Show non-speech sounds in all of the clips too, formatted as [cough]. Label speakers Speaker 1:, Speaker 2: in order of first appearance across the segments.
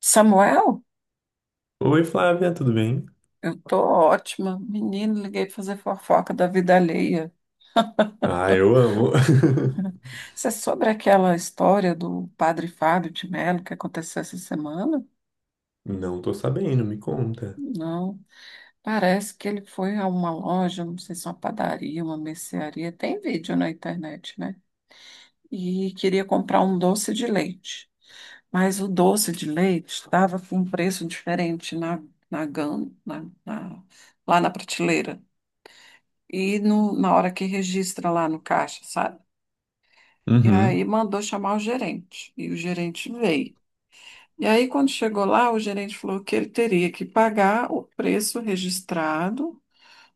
Speaker 1: Samuel,
Speaker 2: Oi, Flávia, tudo bem?
Speaker 1: eu tô ótima. Menino, liguei pra fazer fofoca da vida alheia.
Speaker 2: Ah, eu amo. [laughs]
Speaker 1: Isso é sobre aquela história do padre Fábio de Melo que aconteceu essa semana?
Speaker 2: Não tô sabendo, me conta.
Speaker 1: Não. Parece que ele foi a uma loja, não sei se é uma padaria, uma mercearia, tem vídeo na internet, né? E queria comprar um doce de leite. Mas o doce de leite estava com um preço diferente na, lá na prateleira. E na hora que registra lá no caixa, sabe? E aí
Speaker 2: Uhum,
Speaker 1: mandou chamar o gerente. E o gerente veio. E aí, quando chegou lá, o gerente falou que ele teria que pagar o preço registrado,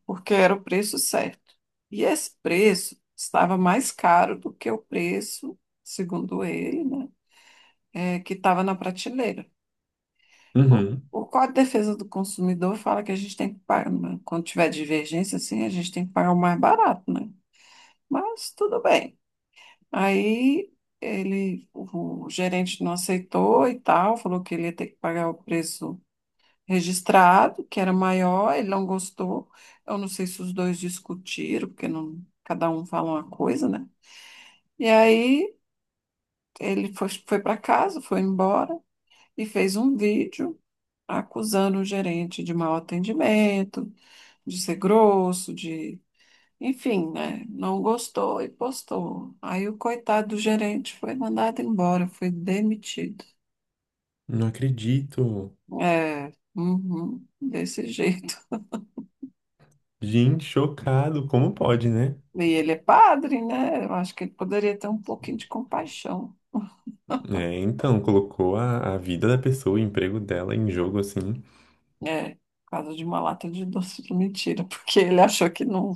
Speaker 1: porque era o preço certo. E esse preço estava mais caro do que o preço, segundo ele, né, que estava na prateleira. O,
Speaker 2: uhum.
Speaker 1: o Código de Defesa do Consumidor fala que a gente tem que pagar, né, quando tiver divergência assim, a gente tem que pagar o mais barato, né? Mas tudo bem. Aí ele, o gerente não aceitou e tal, falou que ele ia ter que pagar o preço registrado, que era maior, ele não gostou. Eu não sei se os dois discutiram, porque não, cada um fala uma coisa, né? E aí ele foi para casa, foi embora e fez um vídeo acusando o gerente de mau atendimento, de ser grosso, de Enfim, né? Não gostou e postou. Aí o coitado do gerente foi mandado embora, foi demitido.
Speaker 2: Não acredito.
Speaker 1: É, uhum, desse jeito. [laughs]
Speaker 2: Gente, chocado. Como pode, né?
Speaker 1: E ele é padre, né? Eu acho que ele poderia ter um pouquinho de compaixão.
Speaker 2: É, então, colocou a vida da pessoa, o emprego dela em jogo assim.
Speaker 1: É, por causa de uma lata de doce de mentira, [laughs] porque ele achou que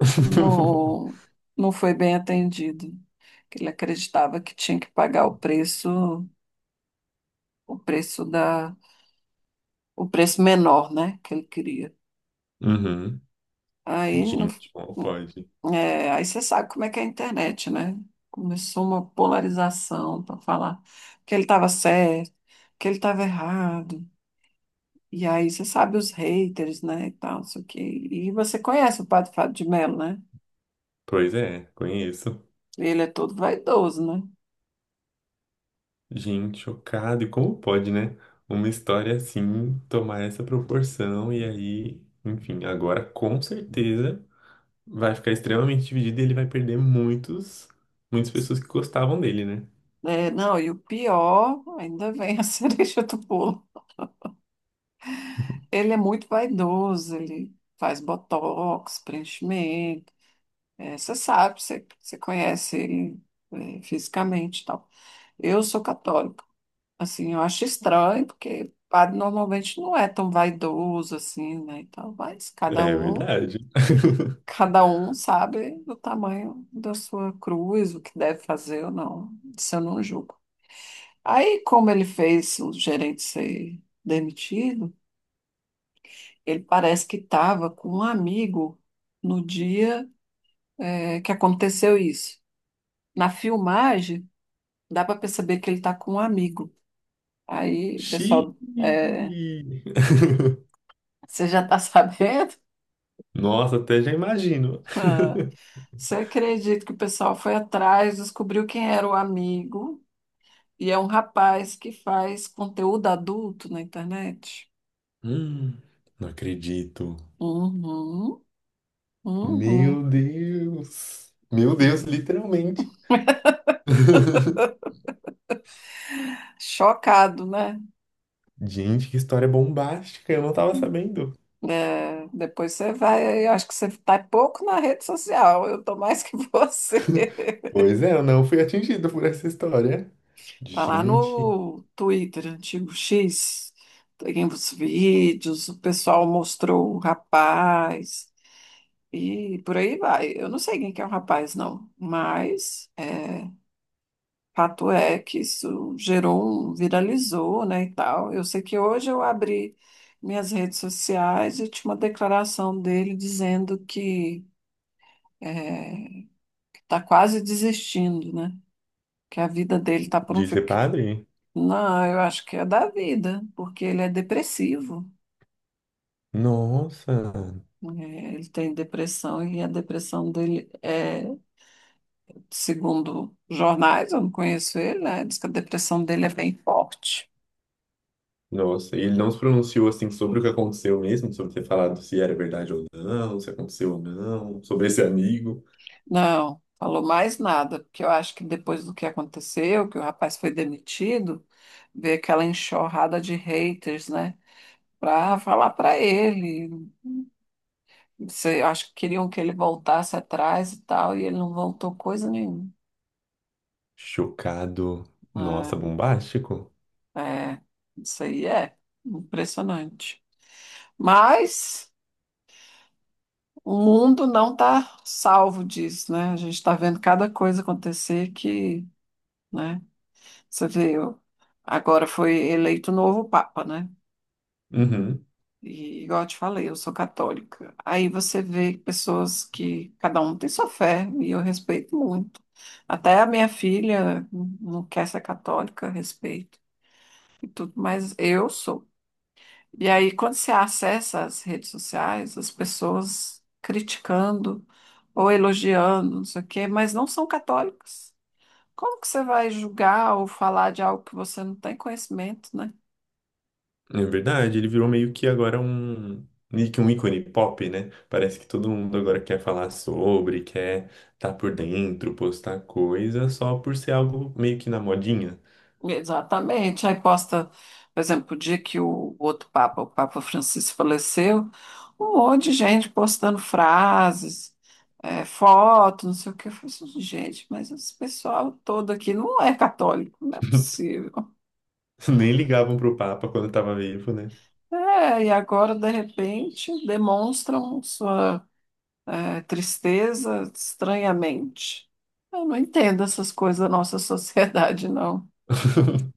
Speaker 2: [laughs]
Speaker 1: não, não foi bem atendido. Que ele acreditava que tinha que pagar o preço, o preço da, o preço menor, né? Que ele queria.
Speaker 2: Uhum.
Speaker 1: Aí não.
Speaker 2: Gente, como pode?
Speaker 1: É, aí você sabe como é que é a internet, né? Começou uma polarização para falar que ele estava certo, que ele estava errado. E aí você sabe os haters, né? E tal, isso aqui. E você conhece o Padre Fábio de Melo, né?
Speaker 2: Pois é, conheço.
Speaker 1: Ele é todo vaidoso, né?
Speaker 2: Gente, chocado. E como pode, né? Uma história assim tomar essa proporção e aí, enfim, agora com certeza vai ficar extremamente dividido e ele vai perder muitas pessoas que gostavam dele, né?
Speaker 1: É, não, e o pior, ainda vem a [laughs] cereja do bolo. Ele é muito vaidoso, ele faz botox, preenchimento. É, você sabe, você conhece ele, fisicamente e tal. Eu sou católica. Assim, eu acho estranho, porque padre normalmente não é tão vaidoso assim, né? Então,
Speaker 2: É verdade. [laughs]
Speaker 1: cada um sabe do tamanho da sua cruz, o que deve fazer ou não. Isso eu não julgo. Aí, como ele fez o gerente ser demitido, ele parece que estava com um amigo no dia, que aconteceu isso. Na filmagem, dá para perceber que ele está com um amigo. Aí,
Speaker 2: Xiii.
Speaker 1: pessoal,
Speaker 2: [laughs]
Speaker 1: você já está [laughs] sabendo?
Speaker 2: Nossa, até já imagino.
Speaker 1: [laughs] Você acredita que o pessoal foi atrás, descobriu quem era o amigo, e é um rapaz que faz conteúdo adulto na internet?
Speaker 2: Hum, não acredito.
Speaker 1: Uhum,
Speaker 2: Meu
Speaker 1: uhum,
Speaker 2: Deus. Meu Deus,
Speaker 1: uhum.
Speaker 2: literalmente.
Speaker 1: [laughs]
Speaker 2: [laughs]
Speaker 1: Chocado, né?
Speaker 2: Gente, que história bombástica, eu não tava sabendo.
Speaker 1: É, depois você vai, eu acho que você está pouco na rede social, eu tô mais que [laughs] você.
Speaker 2: Pois é, eu não fui atingido por essa história.
Speaker 1: Tá lá
Speaker 2: Gente,
Speaker 1: no Twitter, antigo X, tem os vídeos, o pessoal mostrou o rapaz. E por aí vai. Eu não sei quem que é o rapaz, não, mas fato é que isso gerou um, viralizou, né, e tal. Eu sei que hoje eu abri minhas redes sociais e tinha uma declaração dele dizendo que é, está quase desistindo, né? Que a vida dele está por um
Speaker 2: de
Speaker 1: fio.
Speaker 2: ser padre?
Speaker 1: Não, eu acho que é da vida, porque ele é depressivo.
Speaker 2: Nossa.
Speaker 1: Né, ele tem depressão e a depressão dele é segundo jornais, eu não conheço ele, né? Diz que a depressão dele é bem forte.
Speaker 2: Nossa, e ele não se pronunciou assim sobre o que aconteceu mesmo, sobre ter falado se era verdade ou não, se aconteceu ou não, sobre esse amigo.
Speaker 1: Não, falou mais nada, porque eu acho que depois do que aconteceu, que o rapaz foi demitido, veio aquela enxurrada de haters, né? Pra falar pra ele. Sei, eu acho que queriam que ele voltasse atrás e tal, e ele não voltou coisa nenhuma.
Speaker 2: Chocado. Nossa, bombástico.
Speaker 1: É, é, isso aí é impressionante. Mas o mundo não está salvo disso, né? A gente está vendo cada coisa acontecer que, né? Você vê, agora foi eleito o novo Papa, né?
Speaker 2: Uhum.
Speaker 1: E igual eu te falei, eu sou católica. Aí você vê pessoas que cada um tem sua fé, e eu respeito muito. Até a minha filha não quer ser católica, respeito e tudo, mas eu sou. E aí, quando você acessa as redes sociais, as pessoas criticando ou elogiando, não sei o quê, mas não são católicas. Como que você vai julgar ou falar de algo que você não tem conhecimento, né?
Speaker 2: É verdade, ele virou meio que um ícone pop, né? Parece que todo mundo agora quer falar sobre, quer estar por dentro, postar coisa, só por ser algo meio que na modinha.
Speaker 1: Exatamente. Aí posta, por exemplo, o dia que o outro Papa, o Papa Francisco, faleceu, um monte de gente postando frases, fotos, não sei o quê. Eu falei assim, gente, mas esse pessoal todo aqui não é católico, não é possível.
Speaker 2: [laughs] Nem ligavam pro Papa quando tava vivo, né?
Speaker 1: É, e agora, de repente, demonstram sua tristeza estranhamente. Eu não entendo essas coisas da nossa [laughs] sociedade, não.
Speaker 2: [laughs]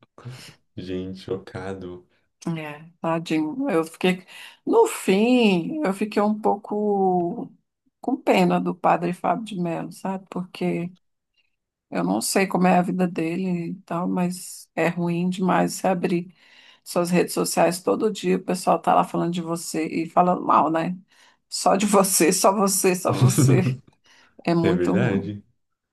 Speaker 2: Gente, chocado.
Speaker 1: É, tadinho. No fim, eu fiquei um pouco com pena do padre Fábio de Melo, sabe? Porque eu não sei como é a vida dele e tal, mas é ruim demais você abrir suas redes sociais todo dia, o pessoal tá lá falando de você e falando mal, né? Só de [laughs] você, só você, só você.
Speaker 2: [laughs]
Speaker 1: É
Speaker 2: É
Speaker 1: muito ruim.
Speaker 2: verdade.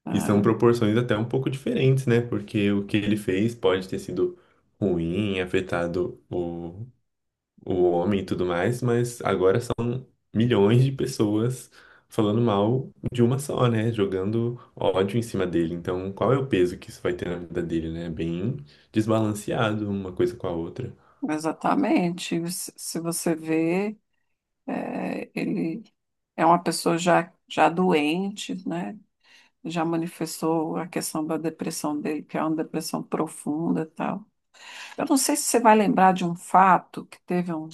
Speaker 1: É,
Speaker 2: E são proporções até um pouco diferentes, né? Porque o que ele fez pode ter sido ruim, afetado o homem e tudo mais, mas agora são milhões de pessoas falando mal de uma só, né? Jogando ódio em cima dele. Então, qual é o peso que isso vai ter na vida dele, né? Bem desbalanceado uma coisa com a outra.
Speaker 1: exatamente. Se você vê, ele é uma pessoa já doente, né? Já manifestou a questão da depressão dele, que é uma depressão profunda e tal. Eu não sei se você vai lembrar de um fato que teve um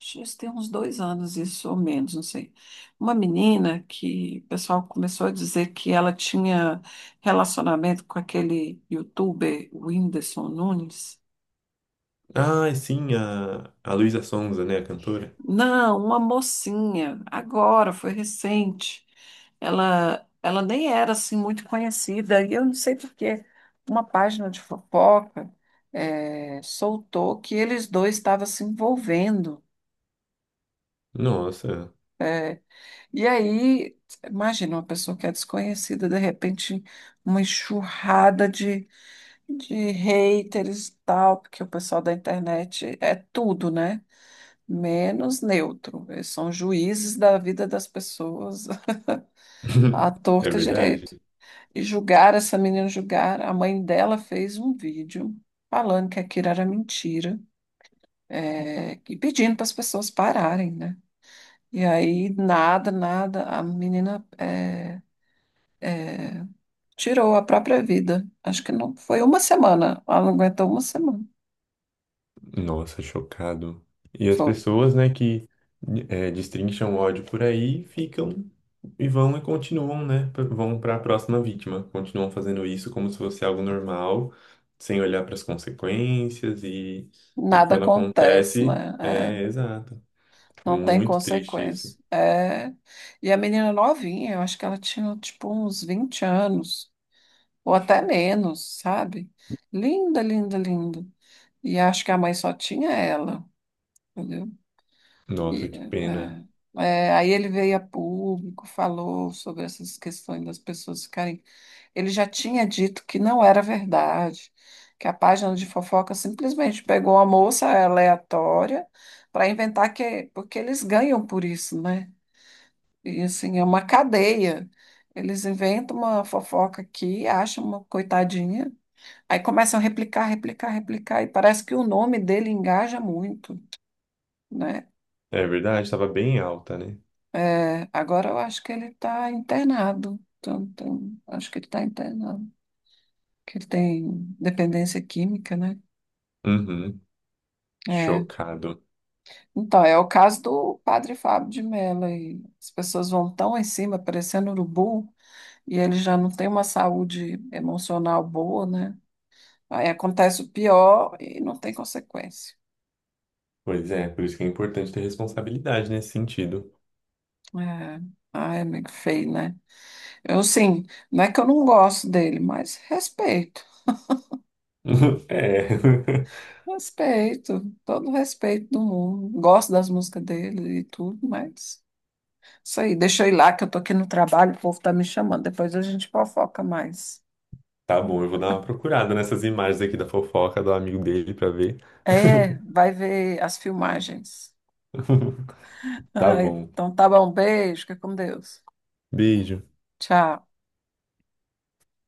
Speaker 1: acho que isso tem uns 2 anos, isso ou menos, não sei. Uma menina que o pessoal começou a dizer que ela tinha relacionamento com aquele youtuber Whindersson Nunes.
Speaker 2: Ah, sim, a Luísa Sonza, né? A cantora.
Speaker 1: Não, uma mocinha, agora, foi recente. Ela nem era assim muito conhecida, e eu não sei por quê. Uma página de fofoca soltou que eles dois estavam se envolvendo.
Speaker 2: Nossa,
Speaker 1: eh, E aí, imagina uma pessoa que é desconhecida, de repente, uma enxurrada de haters e tal, porque o pessoal da internet é tudo, né? Menos neutro. Eles são juízes da vida das pessoas [laughs] à
Speaker 2: [laughs] é
Speaker 1: torta e
Speaker 2: verdade.
Speaker 1: direito. E julgaram essa menina, julgaram. A mãe dela fez um vídeo falando que aquilo era mentira, e pedindo para as pessoas pararem, né? E aí, nada, nada, a menina. É, tirou a própria vida. Acho que não foi uma semana. Ela não aguentou uma semana.
Speaker 2: Nossa, chocado. E as
Speaker 1: Foi.
Speaker 2: pessoas, né, que é, destrincham ódio por aí ficam e vão e continuam, né, p- vão para a próxima vítima. Continuam fazendo isso como se fosse algo normal, sem olhar para as consequências e
Speaker 1: Nada
Speaker 2: quando
Speaker 1: acontece,
Speaker 2: acontece,
Speaker 1: né? É,
Speaker 2: é exato. É
Speaker 1: não tem
Speaker 2: muito triste isso.
Speaker 1: consequência. É, e a menina novinha, eu acho que ela tinha tipo uns 20 anos, ou até menos, sabe? Linda, linda, linda. E acho que a mãe só tinha ela, entendeu? E,
Speaker 2: Nossa, que pena.
Speaker 1: é, aí ele veio a público, falou sobre essas questões das pessoas ficarem. Ele já tinha dito que não era verdade, que a página de fofoca simplesmente pegou uma moça aleatória para inventar que. Porque eles ganham por isso, né? E assim, é uma cadeia. Eles inventam uma fofoca aqui, acham uma coitadinha, aí começam a replicar, replicar, replicar, e parece que o nome dele engaja muito, né?
Speaker 2: É verdade, estava bem alta, né?
Speaker 1: É, agora eu acho que ele está internado. Então, acho que ele está internado. Que ele tem dependência química, né?
Speaker 2: Uhum,
Speaker 1: É.
Speaker 2: chocado.
Speaker 1: Então, é o caso do padre Fábio de Mello. Aí. As pessoas vão tão em cima, parecendo urubu, e ele já não tem uma saúde emocional boa, né? Aí acontece o pior e não tem consequência.
Speaker 2: Pois é, por isso que é importante ter responsabilidade nesse sentido.
Speaker 1: É. Ai, amigo feio, né? Eu, sim, não é que eu não gosto dele, mas respeito.
Speaker 2: [laughs] É.
Speaker 1: Respeito, todo o respeito do mundo. Gosto das músicas dele e tudo, mas isso aí, deixa eu ir lá que eu tô aqui no trabalho, o povo tá me chamando. Depois a gente fofoca mais.
Speaker 2: Tá bom, eu vou dar uma procurada nessas imagens aqui da fofoca do amigo dele pra ver.
Speaker 1: É, vai ver as filmagens.
Speaker 2: [laughs] Tá
Speaker 1: Ai,
Speaker 2: bom.
Speaker 1: então tá bom, beijo, fica com Deus.
Speaker 2: Beijo.
Speaker 1: Tchau.